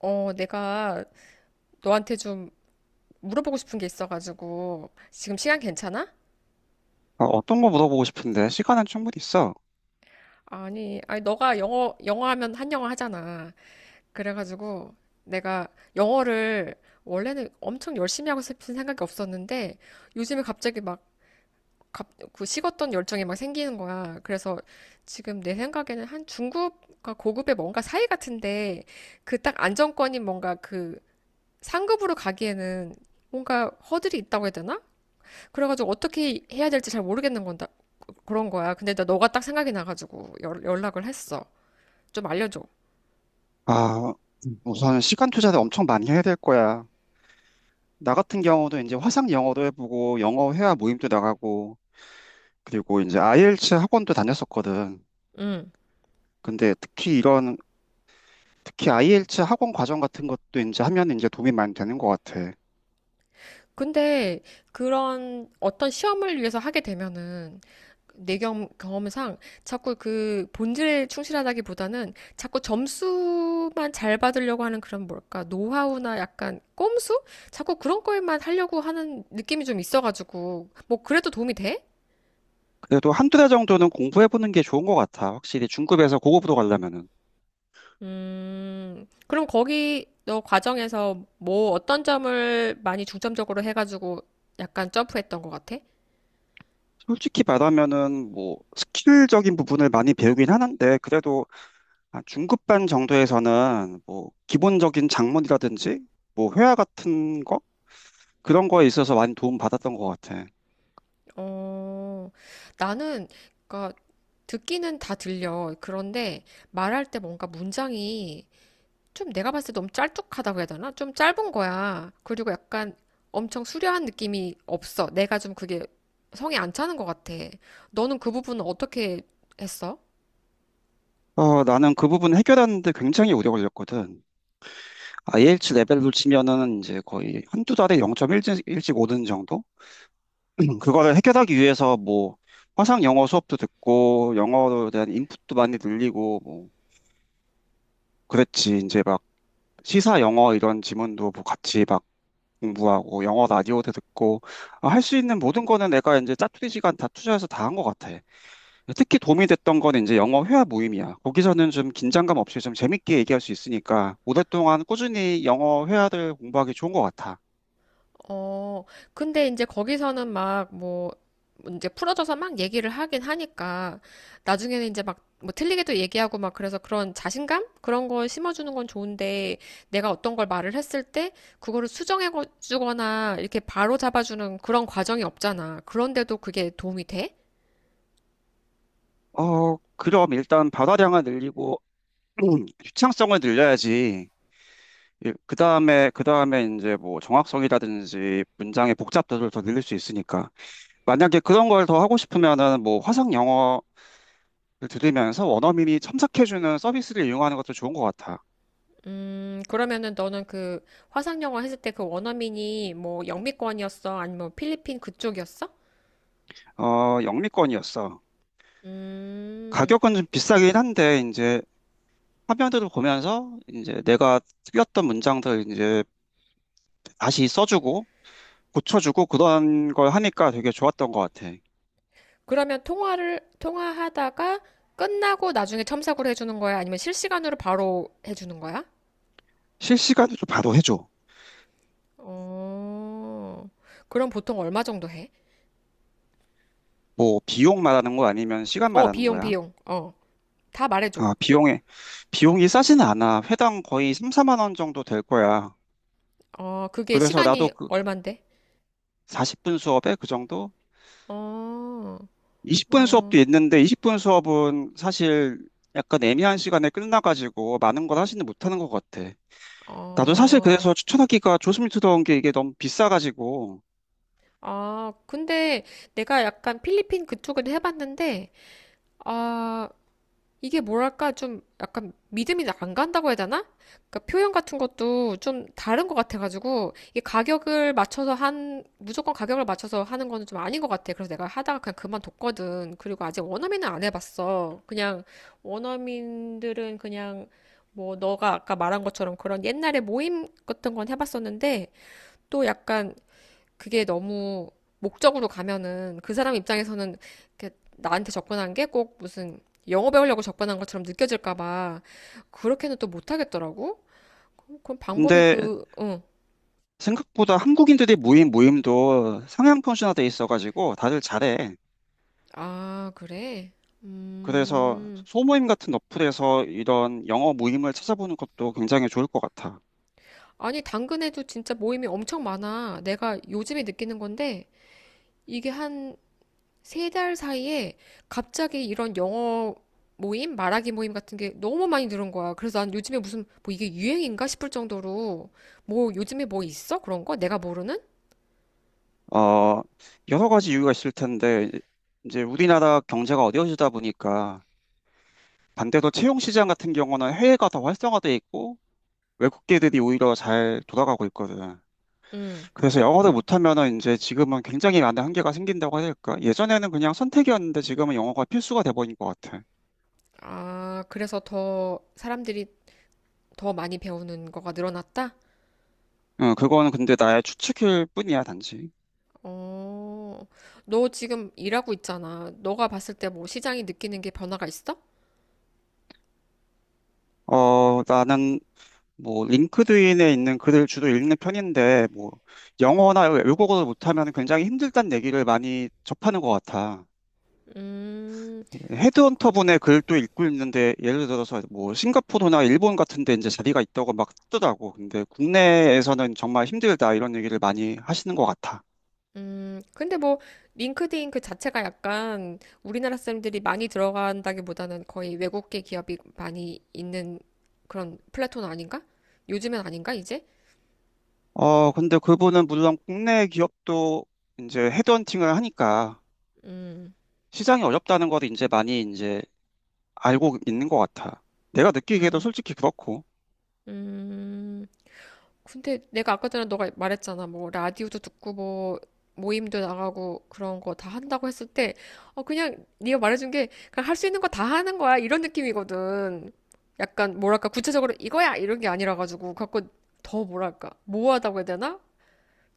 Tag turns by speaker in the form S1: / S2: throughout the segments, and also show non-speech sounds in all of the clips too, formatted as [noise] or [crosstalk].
S1: 어, 내가 너한테 좀 물어보고 싶은 게 있어가지고 지금 시간 괜찮아?
S2: 어, 어떤 거 물어보고 싶은데 시간은 충분히 있어.
S1: 아니, 아니 너가 영어 하면 한영어 하잖아. 그래가지고 내가 영어를 원래는 엄청 열심히 하고 싶은 생각이 없었는데 요즘에 갑자기 막 갑, 그 식었던 열정이 막 생기는 거야. 그래서 지금 내 생각에는 한 중급과 고급의 뭔가 사이 같은데 그 딱 안정권인 뭔가 그 상급으로 가기에는 뭔가 허들이 있다고 해야 되나? 그래가지고 어떻게 해야 될지 잘 모르겠는 건다 그런 거야. 근데 나 너가 딱 생각이 나가지고 연락을 했어. 좀 알려줘.
S2: 아, 우선 시간 투자를 엄청 많이 해야 될 거야. 나 같은 경우도 이제 화상 영어도 해보고 영어 회화 모임도 나가고 그리고 이제 IELTS 학원도 다녔었거든.
S1: 응.
S2: 근데 특히 IELTS 학원 과정 같은 것도 이제 하면 이제 도움이 많이 되는 것 같아.
S1: 근데 그런 어떤 시험을 위해서 하게 되면은 내 경험상 자꾸 그 본질에 충실하다기보다는 자꾸 점수만 잘 받으려고 하는 그런 뭘까 노하우나 약간 꼼수? 자꾸 그런 거에만 하려고 하는 느낌이 좀 있어가지고 뭐 그래도 도움이 돼?
S2: 그래도 한 두 달 정도는 공부해보는 게 좋은 것 같아. 확실히 중급에서 고급으로 가려면은.
S1: 그럼 거기 너 과정에서 뭐 어떤 점을 많이 중점적으로 해가지고 약간 점프했던 것 같아?
S2: 솔직히 말하면은 뭐 스킬적인 부분을 많이 배우긴 하는데 그래도 아, 중급반 정도에서는 뭐 기본적인 작문이라든지 뭐 회화 같은 거 그런 거에 있어서 많이 도움 받았던 것 같아.
S1: 어, 나는 그니까 듣기는 다 들려. 그런데 말할 때 뭔가 문장이 좀 내가 봤을 때 너무 짤뚝하다고 해야 되나? 좀 짧은 거야. 그리고 약간 엄청 수려한 느낌이 없어. 내가 좀 그게 성에 안 차는 것 같아. 너는 그 부분은 어떻게 했어?
S2: 어, 나는 그 부분 해결하는데 굉장히 오래 걸렸거든. IH 레벨로 치면은 이제 거의 한두 달에 0.1씩 오는 정도? [clears throat] 그거를 해결하기 위해서 뭐 화상 영어 수업도 듣고 영어에 대한 인풋도 많이 늘리고 뭐 그랬지. 이제 막 시사 영어 이런 지문도 뭐 같이 막 공부하고 영어 라디오도 듣고 아, 할수 있는 모든 거는 내가 이제 짜투리 시간 다 투자해서 다 한 것 같아. 특히 도움이 됐던 건 이제 영어 회화 모임이야. 거기서는 좀 긴장감 없이 좀 재밌게 얘기할 수 있으니까 오랫동안 꾸준히 영어 회화를 공부하기 좋은 것 같아.
S1: 어, 근데 이제 거기서는 막 뭐, 이제 풀어져서 막 얘기를 하긴 하니까, 나중에는 이제 막, 뭐 틀리게도 얘기하고 막 그래서 그런 자신감? 그런 걸 심어주는 건 좋은데, 내가 어떤 걸 말을 했을 때, 그거를 수정해주거나, 이렇게 바로 잡아주는 그런 과정이 없잖아. 그런데도 그게 도움이 돼?
S2: 어, 그럼 일단 발화량을 늘리고 [clears throat] 유창성을 늘려야지. 그 다음에 이제 뭐 정확성이라든지 문장의 복잡도를 더 늘릴 수 있으니까 만약에 그런 걸 더 하고 싶으면은 뭐 화상 영어 들으면서 원어민이 첨삭해주는 서비스를 이용하는 것도 좋은 것 같아.
S1: 그러면은 너는 그 화상영어 했을 때 그 원어민이 뭐 영미권이었어? 아니면 필리핀 그쪽이었어?
S2: 어, 영미권이었어.
S1: 음.
S2: 가격은 좀 비싸긴 한데, 이제 화면들을 보면서 이제 내가 틀렸던 문장들 이제 다시 써주고 고쳐주고 그런 걸 하니까 되게 좋았던 것 같아.
S1: 그러면 통화하다가 끝나고 나중에 첨삭으로 해주는 거야? 아니면 실시간으로 바로 해주는 거야?
S2: 실시간으로 바로 해줘.
S1: 어, 그럼 보통 얼마 정도 해?
S2: 뭐 비용 말하는 거 아니면 시간
S1: 어,
S2: 말하는
S1: 비용,
S2: 거야?
S1: 비용. 어, 다 말해줘.
S2: 아, 비용이 싸진 않아. 회당 거의 3, 4만 원 정도 될 거야.
S1: 어, 그게
S2: 그래서 나도
S1: 시간이
S2: 그
S1: 얼만데?
S2: 40분 수업에 그 정도?
S1: 어,
S2: 20분 수업도
S1: 어,
S2: 있는데 20분 수업은 사실 약간 애매한 시간에 끝나가지고 많은 걸 하지는 못하는 것 같아. 나도 사실
S1: 어.
S2: 그래서 추천하기가 조스미트다운 게 이게 너무 비싸가지고.
S1: 아, 근데 내가 약간 필리핀 그쪽에도 해봤는데, 아, 이게 뭐랄까 좀 약간 믿음이 안 간다고 해야 되나? 그러니까 표현 같은 것도 좀 다른 것 같아가지고 이게 가격을 맞춰서 한 무조건 가격을 맞춰서 하는 거는 좀 아닌 것 같아. 그래서 내가 하다가 그냥 그만뒀거든. 그리고 아직 원어민은 안 해봤어. 그냥 원어민들은 그냥 뭐 너가 아까 말한 것처럼 그런 옛날에 모임 같은 건 해봤었는데 또 약간 그게 너무 목적으로 가면은 그 사람 입장에서는 이렇게 나한테 접근한 게 꼭 무슨 영어 배우려고 접근한 것처럼 느껴질까 봐 그렇게는 또 못하겠더라고. 그럼 방법이
S2: 근데
S1: 그, 응.
S2: 생각보다 한국인들이 모임도 상향 편준화돼 있어가지고 다들 잘해.
S1: 아, 그래?
S2: 그래서
S1: 음.
S2: 소모임 같은 어플에서 이런 영어 모임을 찾아보는 것도 굉장히 좋을 것 같아.
S1: 아니, 당근에도 진짜 모임이 엄청 많아. 내가 요즘에 느끼는 건데 이게 한 3달 사이에 갑자기 이런 영어 모임, 말하기 모임 같은 게 너무 많이 늘은 거야. 그래서 난 요즘에 무슨 뭐 이게 유행인가 싶을 정도로 뭐 요즘에 뭐 있어? 그런 거? 내가 모르는?
S2: 어, 여러 가지 이유가 있을 텐데 이제 우리나라 경제가 어려워지다 보니까 반대로 채용 시장 같은 경우는 해외가 더 활성화돼 있고 외국계들이 오히려 잘 돌아가고 있거든.
S1: 음.
S2: 그래서 영어를 못하면은 이제 지금은 굉장히 많은 한계가 생긴다고 해야 될까? 예전에는 그냥 선택이었는데 지금은 영어가 필수가 돼버린 것 같아.
S1: 아, 그래서 더 사람들이 더 많이 배우는 거가 늘어났다?
S2: 응, 그거는 근데 나의 추측일 뿐이야, 단지.
S1: 어, 너 지금 일하고 있잖아. 너가 봤을 때 뭐 시장이 느끼는 게 변화가 있어?
S2: 어, 나는 뭐 링크드인에 있는 글을 주로 읽는 편인데 뭐 영어나 외국어를 못하면 굉장히 힘들다는 얘기를 많이 접하는 것 같아.
S1: 음,
S2: 헤드헌터 분의 글도 읽고 있는데 예를 들어서 뭐 싱가포르나 일본 같은 데 이제 자리가 있다고 막 뜨더라고. 근데 국내에서는 정말 힘들다 이런 얘기를 많이 하시는 것 같아.
S1: 근데 뭐 링크드인 그 자체가 약간 우리나라 사람들이 많이 들어간다기보다는 거의 외국계 기업이 많이 있는 그런 플랫폼 아닌가? 요즘엔 아닌가 이제?
S2: 어, 근데 그분은 물론 국내 기업도 이제 헤드헌팅을 하니까
S1: 음,
S2: 시장이 어렵다는 거를 이제 많이 이제 알고 있는 것 같아. 내가 느끼기에도
S1: 음,
S2: 솔직히 그렇고.
S1: 음. 근데 내가 아까 전에 너가 말했잖아. 뭐 라디오도 듣고 뭐 모임도 나가고 그런 거 다 한다고 했을 때 그냥 네가 말해준 게 그냥 할 수 있는 거 다 하는 거야 이런 느낌이거든. 약간 뭐랄까 구체적으로 이거야 이런 게 아니라 가지고 갖고 더 뭐랄까 모호하다고 해야 되나?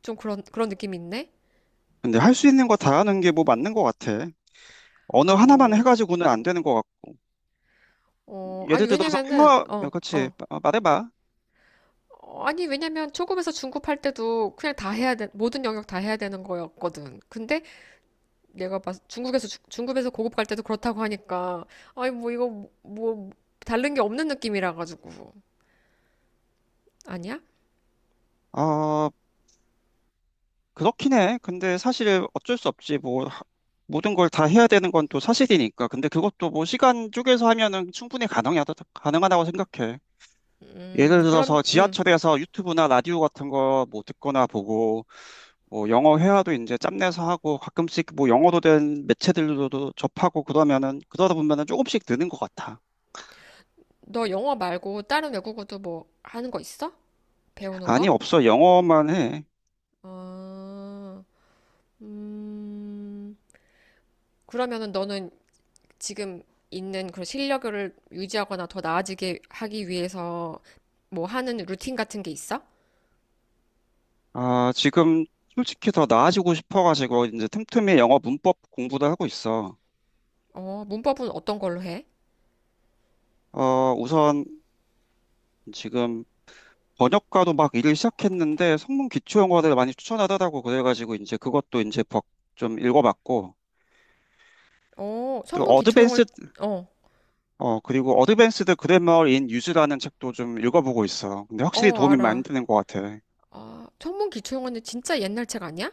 S1: 좀 그런 느낌이 있네?
S2: 근데 할 수 있는 거 다 하는 게 뭐 맞는 것 같아. 언어 하나만
S1: 어,
S2: 해가지고는 안 되는 것 같고.
S1: 어, 아니,
S2: 예를 들어서
S1: 왜냐면은,
S2: 회화,
S1: 어,
S2: 그렇지.
S1: 어.
S2: 말해봐.
S1: 어, 아니, 왜냐면 초급에서 중급할 때도 그냥 다 해야 돼, 모든 영역 다 해야 되는 거였거든. 근데 내가 봤, 중국에서, 주- 중급에서 고급 갈 때도 그렇다고 하니까, 아니, 뭐, 이거, 뭐 다른 게 없는 느낌이라 가지고. 아니야?
S2: 어, 그렇긴 해. 근데 사실 어쩔 수 없지. 뭐, 모든 걸 다 해야 되는 건 또 사실이니까. 근데 그것도 뭐 시간 쪼개서 하면은 충분히 가능하다고 생각해. 예를
S1: 그럼,
S2: 들어서 지하철에서 유튜브나 라디오 같은 거 뭐 듣거나 보고, 뭐 영어 회화도 이제 짬내서 하고, 가끔씩 뭐 영어로 된 매체들로도 접하고 그러면은, 그러다 보면은 조금씩 느는 것 같아.
S1: 너 영어 말고 다른 외국어도 뭐 하는 거 있어? 배우는
S2: 아니,
S1: 거?
S2: 없어. 영어만 해.
S1: 어, 음, 그러면은 너는 지금 있는 그런 실력을 유지하거나 더 나아지게 하기 위해서 뭐 하는 루틴 같은 게 있어?
S2: 아, 지금 솔직히 더 나아지고 싶어가지고, 이제 틈틈이 영어 문법 공부도 하고 있어.
S1: 어, 문법은 어떤 걸로 해?
S2: 어, 우선 지금 번역가도 막 일을 시작했는데 성문 기초 영어를 많이 추천하더라고. 그래가지고 이제 그것도 이제 좀 읽어봤고
S1: 어,
S2: 또
S1: 천문 기초용어,
S2: 어드밴스
S1: 어,
S2: 어 그리고 어드밴스드 그래머 인 유즈라는 책도 좀 읽어보고 있어. 근데 확실히
S1: 어,
S2: 도움이 많이
S1: 알아.
S2: 되는 것 같아.
S1: 아, 천문 기초용어는 진짜 옛날 책 아니야?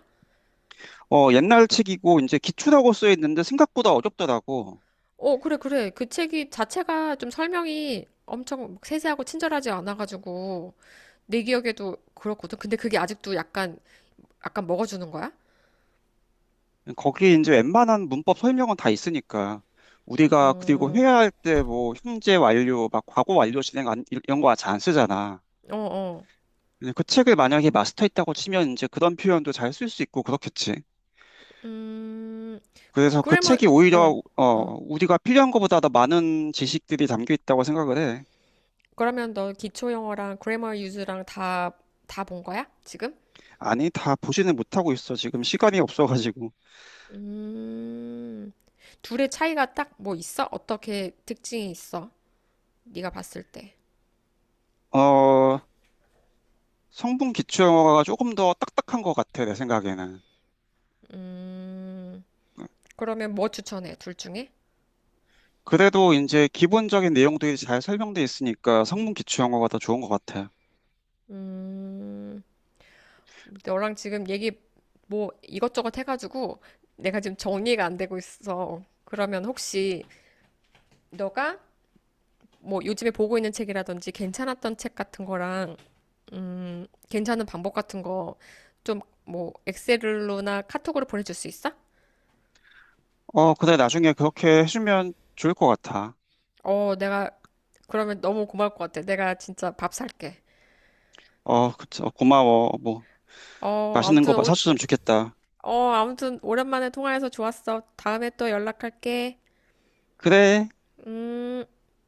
S2: 어, 옛날 책이고 이제 기초라고 쓰여 있는데 생각보다 어렵더라고.
S1: 어, 그래, 그래. 그 책이 자체가 좀 설명이 엄청 세세하고 친절하지 않아가지고 내 기억에도 그렇거든. 근데 그게 아직도 약간 먹어주는 거야?
S2: 거기 이제 웬만한 문법 설명은 다 있으니까, 우리가 그리고 회화할 때 뭐 현재 완료 막 과거 완료 진행 안, 이런 거 잘 안 쓰잖아.
S1: 어, 어.
S2: 그냥 그 책을 만약에 마스터했다고 치면 이제 그런 표현도 잘 쓸 수 있고 그렇겠지.
S1: 음,
S2: 그래서 그
S1: 그래, 뭐,
S2: 책이
S1: 어,
S2: 오히려
S1: 어.
S2: 우리가 필요한 것보다 더 많은 지식들이 담겨 있다고 생각을 해.
S1: 그러면 너 기초 영어랑 그래머 유즈랑 다 본 거야? 지금?
S2: 아니, 다 보지는 못하고 있어. 지금 시간이 없어가지고.
S1: 음, 둘의 차이가 딱 뭐 있어? 어떻게 특징이 있어? 네가 봤을 때.
S2: 어, 성분 기초 영어가 조금 더 딱딱한 것 같아, 내 생각에는.
S1: 음, 그러면 뭐 추천해? 둘 중에?
S2: 그래도 이제 기본적인 내용들이 잘 설명돼 있으니까 성분 기초 영어가 더 좋은 것 같아.
S1: 음, 너랑 지금 얘기 뭐 이것저것 해가지고 내가 지금 정리가 안 되고 있어. 그러면 혹시 너가 뭐 요즘에 보고 있는 책이라든지 괜찮았던 책 같은 거랑 괜찮은 방법 같은 거 좀 뭐 엑셀로나 카톡으로 보내줄 수 있어?
S2: 어, 그래, 나중에 그렇게 해주면 좋을 것 같아.
S1: 어, 내가 그러면 너무 고마울 것 같아. 내가 진짜 밥 살게.
S2: 어, 그쵸. 고마워. 뭐,
S1: 어,
S2: 맛있는
S1: 아무튼
S2: 거 사주면 좋겠다.
S1: 어, 아무튼 오랜만에 통화해서 좋았어. 다음에 또 연락할게.
S2: 그래.
S1: 음.